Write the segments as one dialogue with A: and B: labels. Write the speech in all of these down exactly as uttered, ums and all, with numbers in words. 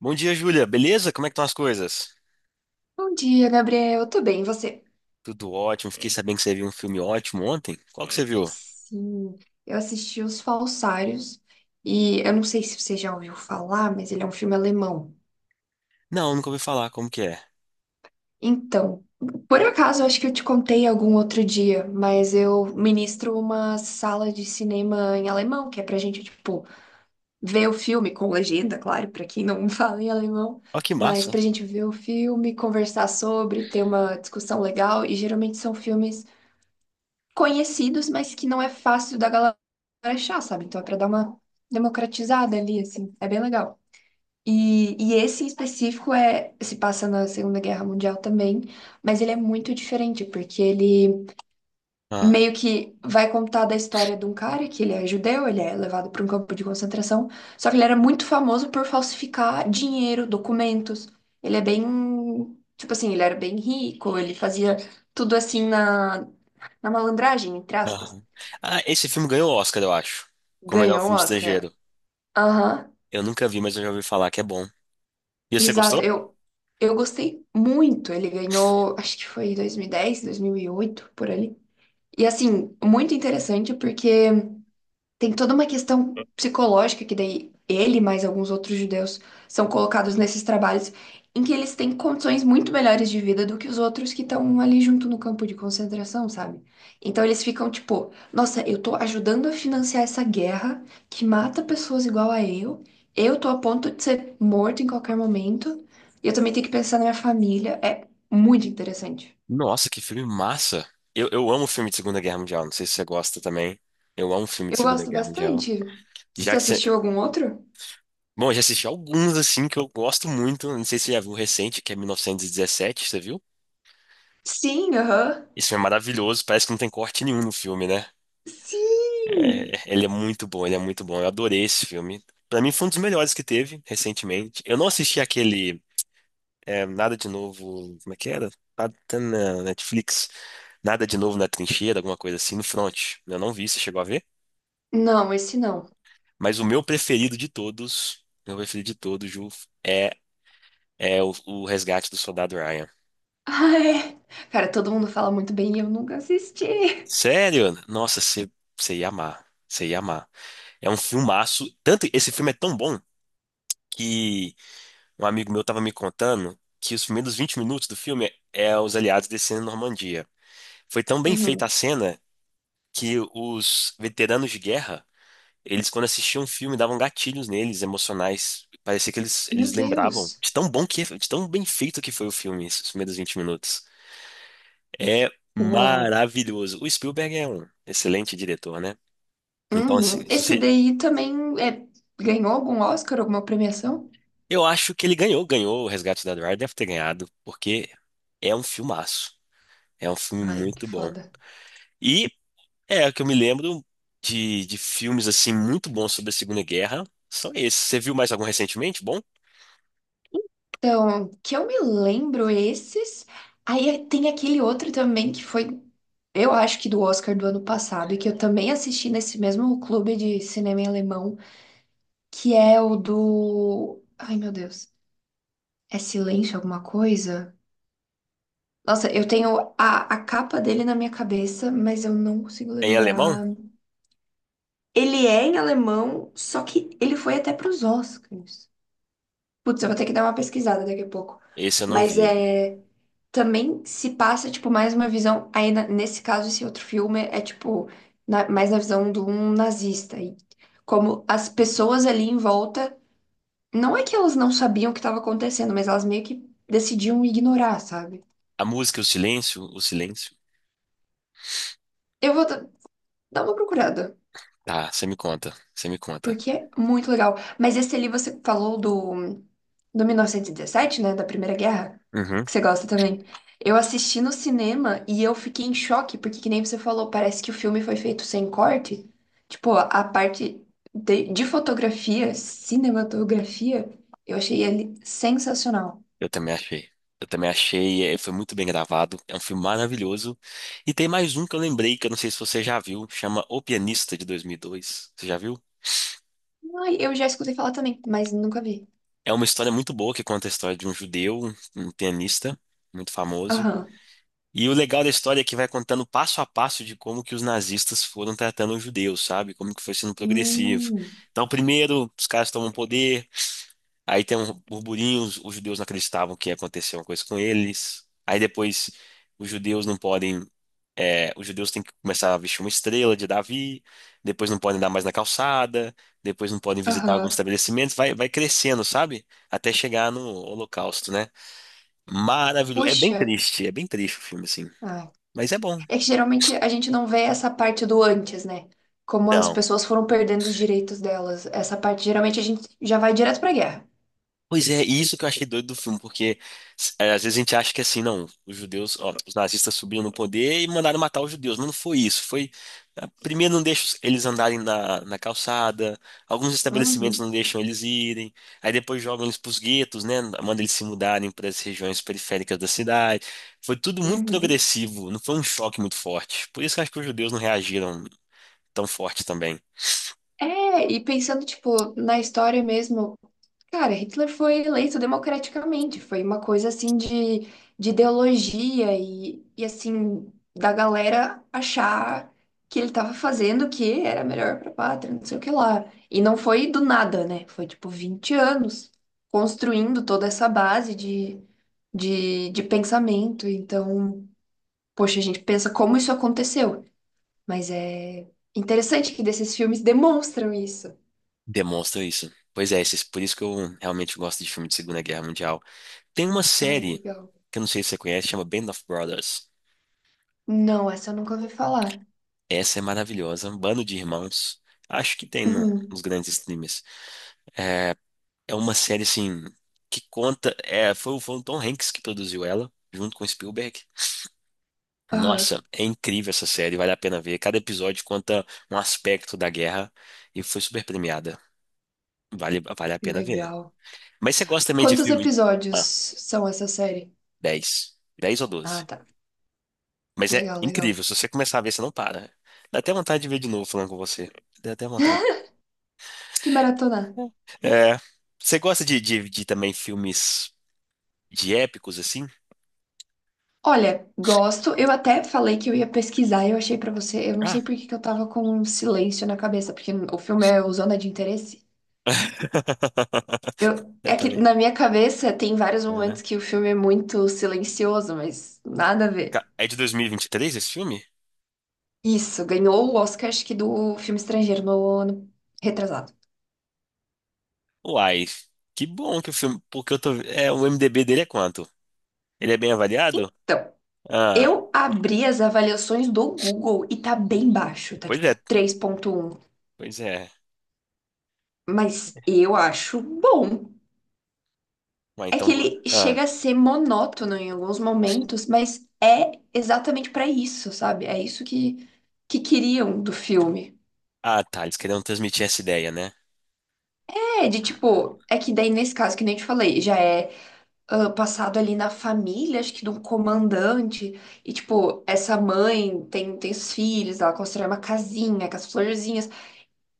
A: Bom dia, Júlia. Beleza? Como é que estão as coisas?
B: Bom dia, Gabriel. Eu tô bem, e você?
A: Tudo ótimo. Fiquei sabendo que você viu um filme ótimo ontem. Qual que você viu?
B: Sim, eu assisti Os Falsários e eu não sei se você já ouviu falar, mas ele é um filme alemão.
A: Não, nunca ouvi falar. Como que é?
B: Então, por acaso, eu acho que eu te contei algum outro dia, mas eu ministro uma sala de cinema em alemão, que é pra gente, tipo, ver o filme com legenda, claro, pra quem não fala em alemão,
A: Ó, que
B: mas
A: massa.
B: pra gente ver o filme, conversar sobre, ter uma discussão legal, e geralmente são filmes conhecidos, mas que não é fácil da galera achar, sabe? Então é pra dar uma democratizada ali, assim. É bem legal. E, e esse em específico é, se passa na Segunda Guerra Mundial também, mas ele é muito diferente, porque ele
A: Ah,
B: meio que vai contar da história de um cara que ele é judeu, ele é levado para um campo de concentração, só que ele era muito famoso por falsificar dinheiro, documentos. Ele é bem, tipo assim, ele era bem rico, ele fazia tudo assim na, na malandragem, entre aspas.
A: aham. Ah, esse filme ganhou o Oscar, eu acho. Como melhor
B: Ganhou o
A: filme
B: Oscar.
A: estrangeiro.
B: Aham,
A: Eu nunca vi, mas eu já ouvi falar que é bom. E você
B: exato.
A: gostou?
B: Eu, eu gostei muito. Ele ganhou, acho que foi em dois mil e dez, dois mil e oito, por ali. E assim, muito interessante porque tem toda uma questão psicológica que daí ele, mais alguns outros judeus, são colocados nesses trabalhos em que eles têm condições muito melhores de vida do que os outros que estão ali junto no campo de concentração, sabe? Então eles ficam tipo, nossa, eu tô ajudando a financiar essa guerra que mata pessoas igual a eu, eu tô a ponto de ser morto em qualquer momento, e eu também tenho que pensar na minha família. É muito interessante.
A: Nossa, que filme massa. Eu, eu amo filme de Segunda Guerra Mundial. Não sei se você gosta também. Eu amo filme
B: Eu
A: de Segunda
B: gosto
A: Guerra Mundial.
B: bastante. Você
A: Já que você...
B: assistiu algum outro?
A: Bom, eu já assisti alguns, assim, que eu gosto muito. Não sei se você já viu o recente, que é mil novecentos e dezessete. Você viu?
B: Sim, aham.
A: Esse filme é maravilhoso, parece que não tem corte nenhum no filme, né?
B: Sim!
A: É, ele é muito bom, ele é muito bom. Eu adorei esse filme. Pra mim foi um dos melhores que teve recentemente. Eu não assisti aquele é, Nada de Novo, como é que era? Ah, tá na Netflix. Nada de Novo na Trincheira, alguma coisa assim, no Front. Eu não vi, você chegou a ver?
B: Não, esse não.
A: Mas o meu preferido de todos, meu preferido de todos, Ju, é, é o, o Resgate do Soldado Ryan.
B: Ai, cara, todo mundo fala muito bem e eu nunca assisti.
A: Sério? Nossa, você você ia amar. Você ia amar. É um filmaço. Tanto esse filme é tão bom que um amigo meu estava me contando que os primeiros vinte minutos do filme é os aliados descendo na Normandia. Foi tão bem feita
B: Uhum.
A: a cena que os veteranos de guerra, eles quando assistiam o filme davam gatilhos neles, emocionais. Parecia que eles,
B: Meu
A: eles lembravam
B: Deus.
A: de tão bom que, é, de tão bem feito que foi o filme, esses primeiros vinte minutos. É
B: Uau.
A: maravilhoso. O Spielberg é um excelente diretor, né? Então, assim,
B: Uhum.
A: se
B: Esse
A: você-
B: daí também é, ganhou algum Oscar, alguma premiação?
A: eu acho que ele ganhou, ganhou o Resgate do Soldado Ryan, deve ter ganhado, porque é um filmaço. É um filme
B: Ai, que
A: muito bom.
B: foda.
A: E é o que eu me lembro de, de filmes assim muito bons sobre a Segunda Guerra. São esses. Você viu mais algum recentemente? Bom?
B: Então, que eu me lembro esses. Aí tem aquele outro também que foi, eu acho que do Oscar do ano passado, e que eu também assisti nesse mesmo clube de cinema em alemão, que é o do. Ai, meu Deus. É silêncio alguma coisa? Nossa, eu tenho a, a capa dele na minha cabeça, mas eu não consigo
A: É em alemão?
B: lembrar. Ele é em alemão, só que ele foi até pros Oscars. Putz, eu vou ter que dar uma pesquisada daqui a pouco.
A: Esse eu não
B: Mas
A: vi.
B: é. Também se passa, tipo, mais uma visão. Aí, na- nesse caso, esse outro filme é, tipo, na- mais na visão de um nazista. E como as pessoas ali em volta. Não é que elas não sabiam o que estava acontecendo, mas elas meio que decidiam ignorar, sabe?
A: A música, o silêncio, o silêncio.
B: Eu vou, dá uma procurada,
A: Tá, você me conta, você me conta.
B: porque é muito legal. Mas esse ali você falou do, do mil novecentos e dezessete, né? Da Primeira Guerra,
A: Uhum.
B: que você gosta também. Eu assisti no cinema e eu fiquei em choque, porque, que nem você falou, parece que o filme foi feito sem corte. Tipo, a parte de, de fotografia, cinematografia, eu achei ele sensacional.
A: Eu também achei. Eu também achei, é, foi muito bem gravado. É um filme maravilhoso. E tem mais um que eu lembrei, que eu não sei se você já viu, chama O Pianista de dois mil e dois. Você já viu?
B: Ai, eu já escutei falar também, mas nunca vi.
A: É uma história muito boa que conta a história de um judeu, um pianista muito famoso.
B: Aham.
A: E o legal da história é que vai contando passo a passo de como que os nazistas foram tratando os judeus, sabe? Como que foi sendo progressivo.
B: Hum.
A: Então, primeiro, os caras tomam poder, aí tem um burburinho, os, os judeus não acreditavam que ia acontecer uma coisa com eles. Aí depois, os judeus não podem, é, os judeus têm que começar a vestir uma estrela de Davi, depois não podem andar mais na calçada, depois não podem visitar alguns
B: Aham.
A: estabelecimentos, vai, vai crescendo, sabe? Até chegar no Holocausto, né? Maravilhoso. É bem
B: Puxa.
A: triste, é bem triste o filme, assim.
B: Ah,
A: Mas é bom.
B: é que geralmente a gente não vê essa parte do antes, né? Como as
A: Não.
B: pessoas foram perdendo os direitos delas. Essa parte, geralmente, a gente já vai direto pra guerra.
A: Pois é, e isso que eu achei doido do filme, porque é, às vezes a gente acha que assim, não, os judeus, ó, os nazistas subiram no poder e mandaram matar os judeus, mas não foi isso, foi, ah, primeiro não deixam eles andarem na, na calçada, alguns estabelecimentos não
B: Uhum,
A: deixam eles irem, aí depois jogam eles pros guetos, né, manda eles se mudarem para as regiões periféricas da cidade, foi tudo muito
B: uhum.
A: progressivo, não foi um choque muito forte, por isso que eu acho que os judeus não reagiram tão forte também,
B: É, e pensando, tipo, na história mesmo. Cara, Hitler foi eleito democraticamente, foi uma coisa assim de, de ideologia e, e assim, da galera achar que ele estava fazendo o que era melhor para a pátria, não sei o que lá. E não foi do nada, né? Foi tipo vinte anos construindo toda essa base de, de, de pensamento. Então, poxa, a gente pensa como isso aconteceu, mas é interessante que desses filmes demonstram isso.
A: demonstra isso. Pois é, esses- por isso que eu realmente gosto de filme de Segunda Guerra Mundial. Tem uma
B: Ai,
A: série
B: legal.
A: que eu não sei se você conhece, chama Band of Brothers.
B: Não, essa eu nunca ouvi falar.
A: Essa é maravilhosa, um bando de irmãos. Acho que tem no- nos
B: Uhum.
A: grandes streamers. É uma série assim que conta. É, foi, o- foi o Tom Hanks que produziu ela, junto com o Spielberg.
B: Aham,
A: Nossa, é incrível essa série, vale a pena ver. Cada episódio conta um aspecto da guerra e foi super premiada. Vale, vale a
B: que
A: pena ver.
B: legal.
A: Mas você gosta também de
B: Quantos
A: filme?
B: episódios
A: Ah,
B: são essa série?
A: dez 10 ou doze?
B: Ah, tá.
A: Mas é
B: Legal, legal.
A: incrível, se você começar a ver, você não para, né? Dá até vontade de ver de novo falando com você. Dá até vontade.
B: De maratonar.
A: É, você gosta de, de, de também filmes de épicos, assim?
B: Olha, gosto. Eu até falei que eu ia pesquisar, e eu achei pra você. Eu não
A: Ah.
B: sei por que que eu tava com um silêncio na cabeça, porque o filme é o Zona de Interesse. Eu,
A: Eu
B: é que
A: também.
B: na minha cabeça tem vários
A: É.
B: momentos que o filme é muito silencioso, mas nada a ver.
A: Ca- é de dois mil e vinte e três esse filme?
B: Isso, ganhou o Oscar, acho que do filme estrangeiro no ano retrasado.
A: Uai, que bom que o filme. Porque eu tô. É, o M D B dele é quanto? Ele é bem avaliado?
B: Então.
A: Ah,
B: Eu abri as avaliações do Google e tá bem baixo, tá
A: pois é,
B: tipo três ponto um,
A: pois é.
B: mas eu acho bom.
A: Uai,
B: É que
A: então.
B: ele chega
A: Ah,
B: a ser monótono em alguns momentos, mas é exatamente pra isso, sabe? É isso que que queriam do filme.
A: ah, tá, eles queriam transmitir essa ideia, né?
B: É, de tipo, é que daí nesse caso que nem eu te falei, já é ah, passado ali na família, acho que de um comandante, e tipo, essa mãe tem tem os filhos, ela constrói uma casinha com as florzinhas.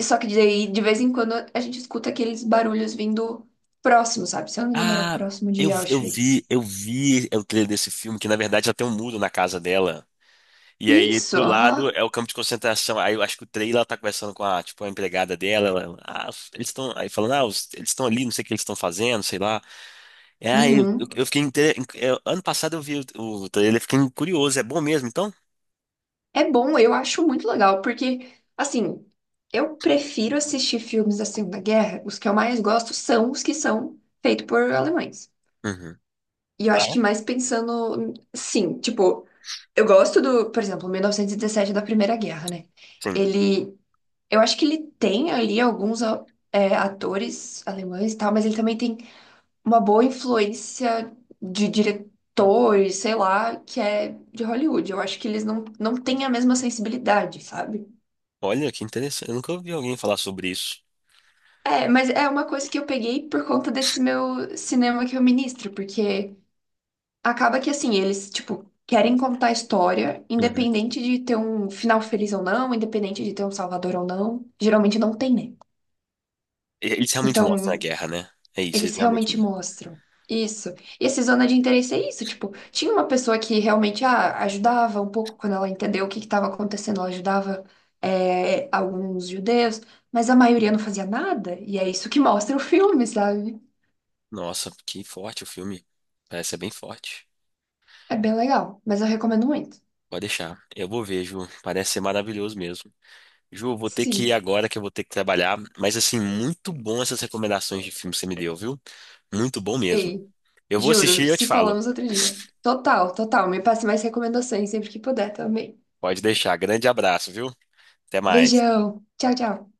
B: Só que daí, de vez em quando, a gente escuta aqueles barulhos vindo próximo, sabe? Se eu não me engano, era
A: Ah,
B: próximo de
A: eu, eu
B: Auschwitz.
A: vi, eu vi o trailer desse filme, que na verdade já tem um muro na casa dela. E aí
B: Isso,
A: do lado
B: aham.
A: é o campo de concentração. Aí eu acho que o trailer ela tá conversando com a, tipo, a empregada dela. Ela, ah, eles estão aí falando, ah, os- eles estão ali, não sei o que eles estão fazendo, sei lá. É, aí eu, eu
B: Uhum.
A: eu fiquei inte- eu- ano passado eu vi o, o trailer, fiquei curioso, é bom mesmo, então?
B: É bom, eu acho muito legal, porque, assim, eu prefiro assistir filmes da Segunda Guerra. Os que eu mais gosto são os que são feitos por alemães.
A: Uhum.
B: E eu
A: Ah,
B: acho
A: é?
B: que mais pensando, sim, tipo, eu gosto do, por exemplo, mil novecentos e dezessete da Primeira Guerra, né?
A: Sim.
B: Ele eu acho que ele tem ali alguns a- é, atores alemães e tal, mas ele também tem uma boa influência de diretores, sei lá, que é de Hollywood. Eu acho que eles não, não têm a mesma sensibilidade, sabe?
A: Olha que interessante, eu nunca ouvi alguém falar sobre isso.
B: É, mas é uma coisa que eu peguei por conta desse meu cinema que eu ministro, porque acaba que assim, eles, tipo, querem contar a história,
A: Uhum.
B: independente de ter um final feliz ou não, independente de ter um salvador ou não. Geralmente não tem, né?
A: E- Eles realmente mostram a
B: Então.
A: guerra, né? É isso, eles
B: Eles
A: realmente.
B: realmente mostram. Isso. E esse Zona de Interesse é isso. Tipo, tinha uma pessoa que realmente ah, ajudava um pouco quando ela entendeu o que estava acontecendo. Ela ajudava é, alguns judeus, mas a maioria não fazia nada. E é isso que mostra o filme, sabe?
A: Nossa, que forte o filme. Parece ser bem forte.
B: É bem legal, mas eu recomendo muito.
A: Pode deixar. Eu vou ver, Ju. Parece ser maravilhoso mesmo. Ju, vou ter que ir
B: Sim.
A: agora que eu vou ter que trabalhar. Mas, assim, muito bom essas recomendações de filme que você me deu, viu? Muito bom mesmo.
B: Ei,
A: Eu vou
B: juro,
A: assistir e eu te
B: se
A: falo.
B: falamos outro dia. Total, total. Me passe mais recomendações sempre que puder também.
A: Pode deixar. Grande abraço, viu? Até mais.
B: Beijão. Tchau, tchau.